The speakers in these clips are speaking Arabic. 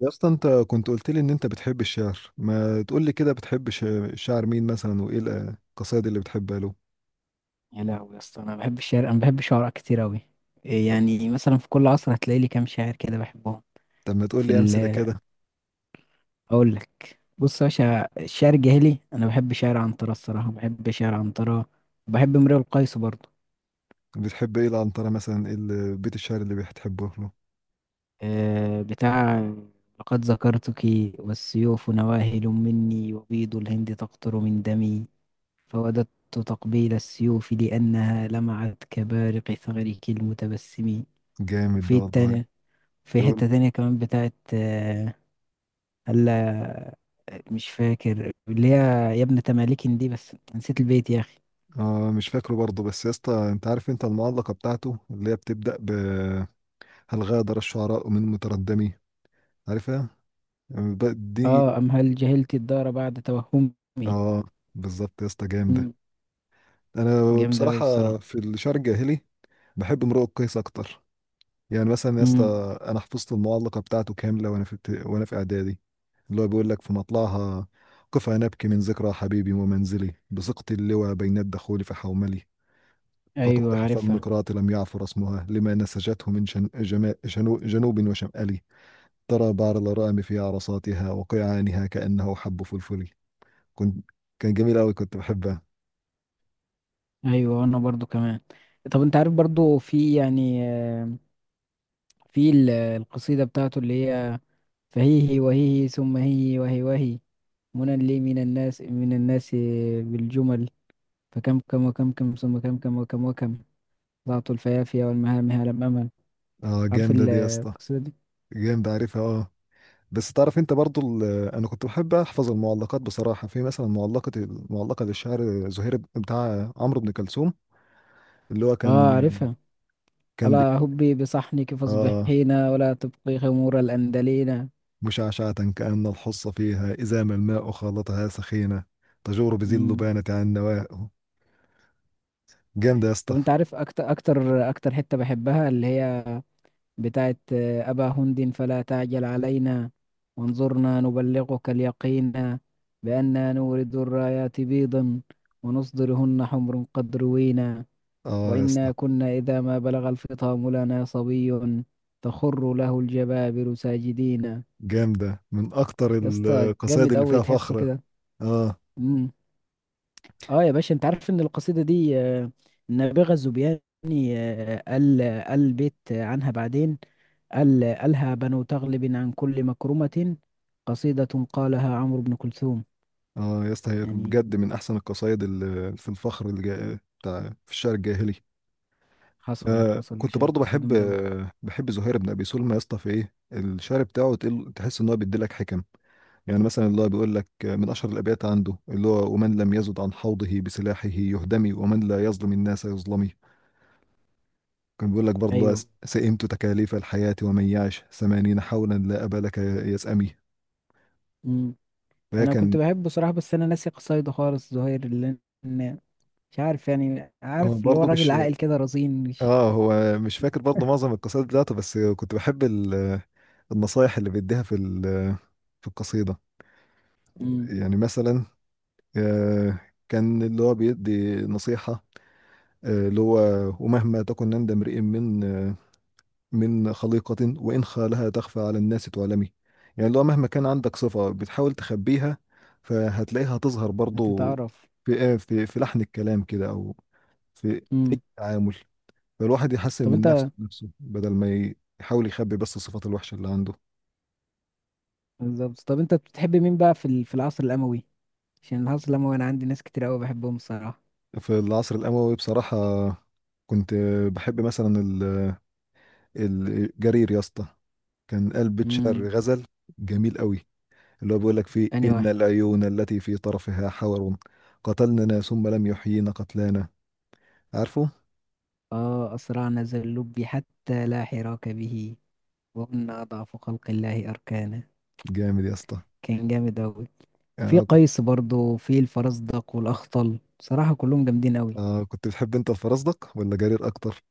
يا اسطى، انت كنت قلت لي ان انت بتحب الشعر. ما تقول لي كده، بتحب الشاعر مين مثلا، وايه القصائد اللي بتحبها له؟ يا لهوي يا اسطى، انا بحب الشعر، انا بحب شعراء كتير اوي. إيه طب. يعني مثلا في كل عصر هتلاقي لي كام شاعر كده بحبهم. طب ما تقول في لي امثله ال كده؟ اقول لك، بص يا باشا، الشعر الجاهلي انا بحب شعر عنترة، الصراحه بحب شعر عنترة، وبحب امرؤ القيس برضه. بتحب ايه العنتره مثلا؟ ايه بيت الشعر اللي بتحبه له؟ أه بتاع لقد ذكرتك، والسيوف نواهل مني وبيض الهند تقطر من دمي، فوددت تقبيل السيوف لأنها لمعت كبارق ثغرك المتبسم. جامد ده وفي والله. التانية، في حتة يقول. تانية كمان بتاعت هلا، مش فاكر اللي هي، يا ابن تمالكن دي، بس نسيت البيت يا أخي. اه، مش فاكره برضه. بس يا اسطى، انت عارف انت المعلقه بتاعته اللي هي بتبدا ب: هل غادر الشعراء من متردمي؟ عارفها؟ اه، دي. أم هل جهلت الدار بعد توهمي. اه، بالظبط يا اسطى، جامده. مم. انا جامدة أوي الصراحة. بصراحه في الشعر الجاهلي بحب امرؤ القيس اكتر. يعني مثلا يا اسطى، امم. انا حفظت المعلقه بتاعته كامله، وانا في وانا في اعدادي. اللي هو بيقول لك في مطلعها: قف نبكي من ذكرى حبيبي ومنزلي بسقط اللوى بين الدخول فحوملي، أيوة فتوضح عارفها. فالنقرات لم يعثر اسمها لما نسجته من جن جما- جنو جنوب وشمالي، ترى بعر الغرام في عرصاتها وقيعانها كأنه حب فلفلي. كنت كان جميل قوي، كنت بحبها. أيوة أنا برضو كمان. طب أنت عارف برضو، في يعني، القصيدة بتاعته اللي هي: فهيه وهيه ثم هيه وهي وهي، منى لي من الناس من الناس، بالجمل، فكم كم وكم كم ثم كم كم وكم وكم، ضعت الفيافية والمهامها لم أمل. اه، عارف جامده دي يا اسطى. القصيدة دي؟ جامده، عارفها اه. بس تعرف انت برضو انا كنت بحب احفظ المعلقات بصراحه. في مثلا المعلقه للشاعر زهير بتاع عمرو بن كلثوم، اللي هو اه كان، عارفها. ألا بيتكلم. هبي بصحنك اه، فاصبحينا، ولا تبقي خمور الأندلينا. مشعشعة كأن الحص فيها إذا ما الماء خالطها سخينة، تجور بذي مم. اللبانة عن نوائه. جامدة يا طب اسطى. انت عارف، اكتر اكتر اكتر حتة بحبها اللي هي بتاعت أبا هند فلا تعجل علينا، وانظرنا نبلغك اليقين، بأننا نورد الرايات بيضا، ونصدرهن حمر قد روينا، اه يا وإنا اسطى، كنا إذا ما بلغ الفطام لنا صبي، تخر له الجبابر ساجدين. جامدة من أكتر يا اسطى القصائد جامد اللي قوي، فيها تحسه فخر. كده. اه. امم. اه يا باشا، انت عارف ان القصيده دي النابغه الزبياني قال، قال بيت عنها بعدين، قالها بنو تغلب عن كل مكرمه، قصيده قالها عمرو بن كلثوم. اه يا اسطى، هي يعني بجد من أحسن القصائد اللي في الفخر اللي بتاع في الشعر الجاهلي. آه حصل كنت شيء، برضو قصيده بحب، جامده قوي. بحب زهير بن ابي سلمى يا اسطى. في ايه الشعر بتاعه، تحس ان هو بيديلك حكم. يعني مثلا اللي هو بيقول لك، من اشهر الابيات عنده اللي هو: ومن لم يزد عن حوضه بسلاحه يهدمي، ومن لا يظلم الناس يظلمي. كان بيقول لك برضه اللي هو ايوه. سئمت تكاليف الحياة، ومن يعش ثمانين حولا لا أبا لك يسأمي. امم. فهي انا كنت كان بحبه بصراحه، بس انا ناسي قصايده خالص، زهير، لان مش عارف، يعني هو عارف اللي هو برضه راجل مش عاقل كده رزين، مش... اه، هو مش فاكر برضه معظم القصائد بتاعته. بس كنت بحب النصايح اللي بيديها في في القصيدة. امم. يعني مثلا، آه، كان اللي هو بيدي نصيحة. اللي هو: ومهما تكن عند امرئ من من خليقة وإن خالها تخفى على الناس تعلمي. يعني اللي هو، مهما كان عندك صفة بتحاول تخبيها، فهتلاقيها تظهر برضو هتتعرف. في في لحن الكلام كده، أو في امم. التعامل. فالواحد يحسن طب من انت نفسه، بدل ما يحاول يخبي بس الصفات الوحشة اللي عنده. بالظبط، طب انت بتحب مين بقى في في العصر الأموي؟ عشان العصر الأموي انا عندي ناس كتير قوي بحبهم الصراحة. في العصر الأموي بصراحة كنت بحب مثلا الجرير يا اسطى. كان قلب شعر امم. غزل جميل قوي. اللي هو بيقول لك فيه: اني إن واحد. العيون التي في طرفها حور قتلننا ثم لم يحيينا قتلانا. عارفه؟ اه اسرعنا ذا اللب حتى لا حراك به، وكنا اضعف خلق الله اركانا. جامد يا اسطى. كان جامد قوي. في آه كنت قيس برضو، في الفرزدق والاخطل، بصراحة كلهم جامدين قوي. آه كنت بتحب انت الفرزدق ولا جرير اكتر؟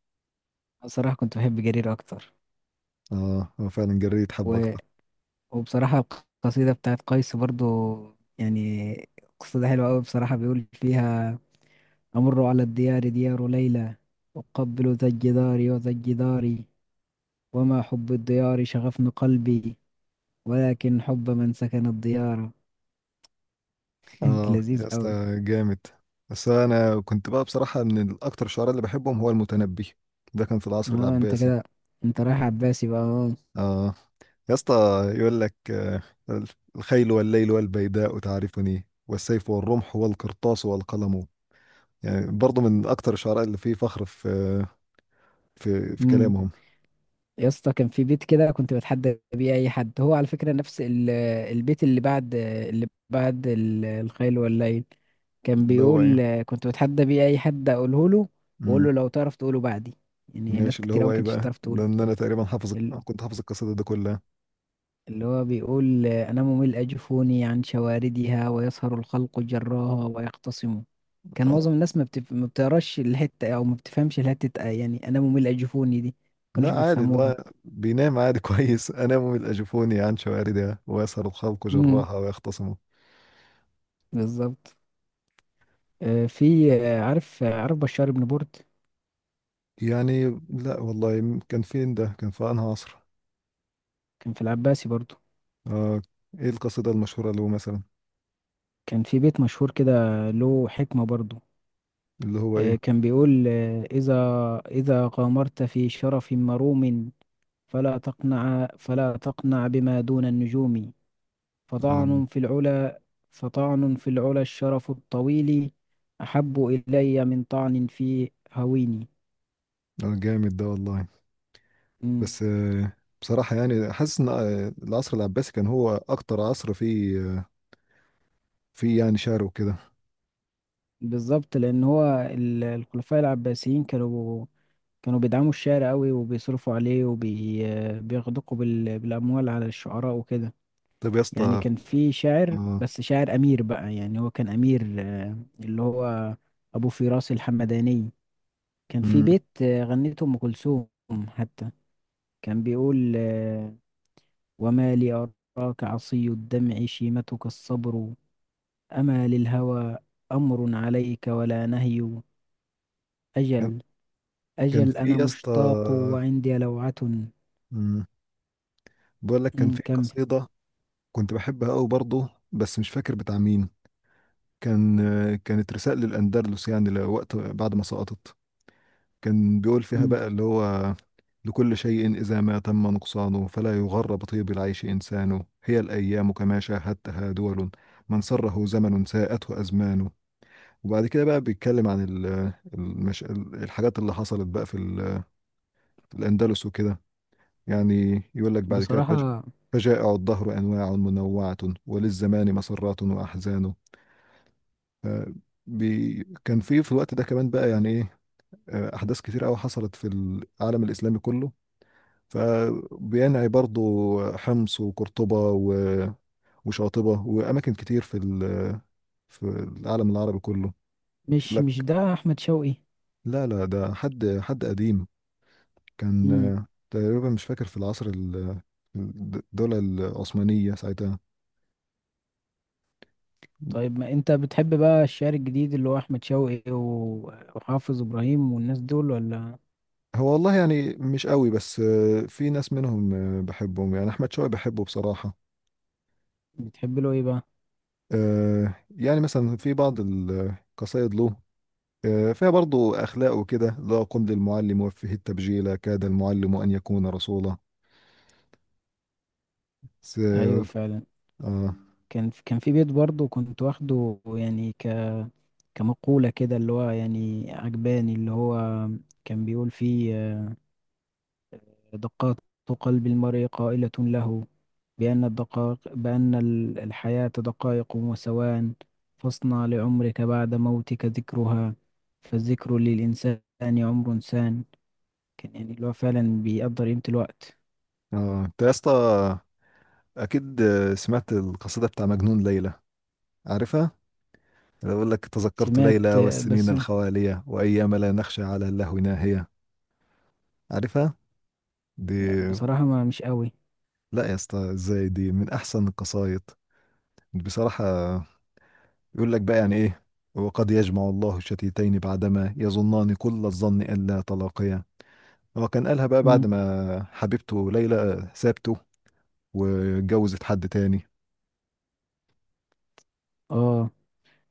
بصراحة كنت بحب جرير اكتر. اه، هو فعلا جرير يتحب و... اكتر. وبصراحة، القصيدة بتاعت قيس برضو، يعني قصيدة حلوة قوي، بصراحة بيقول فيها: أمر على الديار ديار ليلى، أقبل ذا الجدار وذا الجدار، وما حب الديار شغفن قلبي، ولكن حب من سكن الديار. اه يا لذيذ اسطى، أوي. جامد. بس انا كنت بقى بصراحة من الاكتر، الشعراء اللي بحبهم هو المتنبي. ده كان في العصر اه انت العباسي. كده، انت رايح عباسي بقى، اه. اه يا اسطى، يقول لك الخيل والليل والبيداء تعرفني، والسيف والرمح والقرطاس والقلم. يعني برضه من اكتر الشعراء اللي فيه فخر في في امم. كلامهم. يا اسطى كان في بيت كده كنت بتحدى بيه اي حد، هو على فكره نفس البيت اللي بعد اللي بعد الخيل والليل، كان اللي هو ايه؟ بيقول، كنت بتحدى بيه اي حد اقوله له، واقول امم. له لو تعرف تقوله بعدي، يعني ناس ماشي، اللي كتير أوي هو ما ايه كانتش بقى؟ تعرف تقوله. لان انا تقريبا حافظ، كنت حافظ القصيده دي كلها. اللي هو بيقول أنا ممل أجفوني عن شواردها، ويسهر الخلق جراها ويختصموا. كان اه. معظم الناس ما بتقراش الحتة، أو ما بتفهمش الحتة، يعني أنا ممل أجفوني دي ما كانوش لا، عادي، بيفهموها. لا بينام عادي. كويس، انام من اجفوني عن شواردها ويسهر الخلق امم. جراها ويختصموا. بالظبط. آه، في آه، عارف آه، عارف بشار بن برد؟ يعني، لا والله، كان فين ده؟ كان في انهي عصر؟ كان في العباسي برضو. آه. ايه القصيده المشهوره له مثلا؟ كان في بيت مشهور كده، له حكمة برضو. اللي هو آه، ايه؟ كان بيقول آه، إذا غامرت في شرف مروم، فلا تقنع بما دون النجوم، اه. فطعن في العلا فطعن في العلا الشرف الطويل، أحب إلي من طعن في هويني. آه، جامد ده والله. مم. بس بصراحة يعني حاسس ان العصر العباسي كان هو اكتر عصر فيه فيه يعني شعر وكده. بالظبط، لأن هو الخلفاء العباسيين كانوا بيدعموا الشعر قوي، وبيصرفوا عليه، وبيغدقوا بالأموال على الشعراء وكده. طب يا يعني اسطى. كان في شاعر، آه، بس شاعر أمير بقى، يعني هو كان أمير اللي هو أبو فراس الحمداني، كان في مم، بيت غنته أم كلثوم، حتى كان بيقول: وما لي أراك عصي الدمع شيمتك الصبر، أما للهوى أمر عليك ولا نهي، كان أجل كان أجل في أنا يا اسطى، مشتاق وعندي لوعة. مم، بقول لك كان في كمل. قصيدة كنت بحبها قوي برضه، بس مش فاكر بتاع مين. كان كانت رسالة للأندلس، يعني لوقت بعد ما سقطت. كان بيقول فيها أمم، بقى اللي هو: لكل شيء إذا ما تم نقصانه، فلا يغر بطيب العيش إنسانه، هي الأيام كما شاهدتها دول، من سره زمن ساءته أزمانه. وبعد كده بقى بيتكلم عن الحاجات اللي حصلت بقى في في الأندلس وكده. يعني يقول لك بعد كده بصراحة، فجائع الدهر أنواع منوعة، وللزمان مسرات وأحزان. ف- كان في الوقت ده كمان بقى، يعني إيه، أحداث كتير أوي حصلت في العالم الإسلامي كله. فبينعي برضو حمص وقرطبة وشاطبة وأماكن كتير في في العالم العربي كله. مش لك. ده أحمد شوقي؟ لا، لا ده حد قديم. كان أمم، تقريبا مش فاكر، في العصر الدولة العثمانية ساعتها. طيب، ما أنت بتحب بقى الشعر الجديد اللي هو أحمد شوقي وحافظ إبراهيم والناس دول ولا؟ هو والله يعني مش قوي، بس في ناس منهم بحبهم. يعني أحمد شوقي بحبه بصراحة. بتحب له إيه بقى؟ يعني مثلا في بعض القصايد له فيها برضو أخلاق وكده: لا، قم للمعلم وفه التبجيل، كاد المعلم أن يكون رسولا. س... أيوه فعلا. آه. كان في بيت برضه كنت واخده، يعني ك، كمقولة كده، اللي هو يعني عجباني، اللي هو كان بيقول فيه دقات قلب المرء قائلة له، بأن الحياة دقائق وثوان، فاصنع لعمرك بعد موتك ذكرها، فالذكر للإنسان عمر سان، كان يعني اللي هو فعلا بيقدر قيمة الوقت. آه أنت يا اسطى، أكيد سمعت القصيدة بتاع مجنون ليلى. عارفها؟ أنا بقول لك: تذكرت سمعت ليلى والسنين بس الخوالية، وأيام لا نخشى على اللهو ناهية. عارفها؟ دي. بصراحة ما مش قوي. لا يا اسطى، ازاي، دي من أحسن القصايد بصراحة. يقول لك بقى يعني إيه: وقد يجمع الله الشتيتين بعدما يظنان كل الظن ألا تلاقيا. هو كان قالها بقى بعد مم. ما حبيبته ليلى سابته واتجوزت حد تاني. اه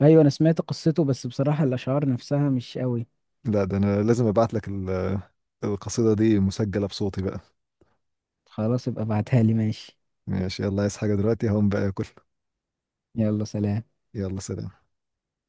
ايوه، انا سمعت قصته، بس بصراحة الاشعار نفسها مش قوي. لا، ده انا لازم ابعت لك القصيدة دي مسجلة بصوتي بقى. خلاص، ابقى ابعتها لي، ماشي. ماشي. يلا، عايز حاجة دلوقتي؟ هقوم بقى اكل. يلا سلام. يلا سلام.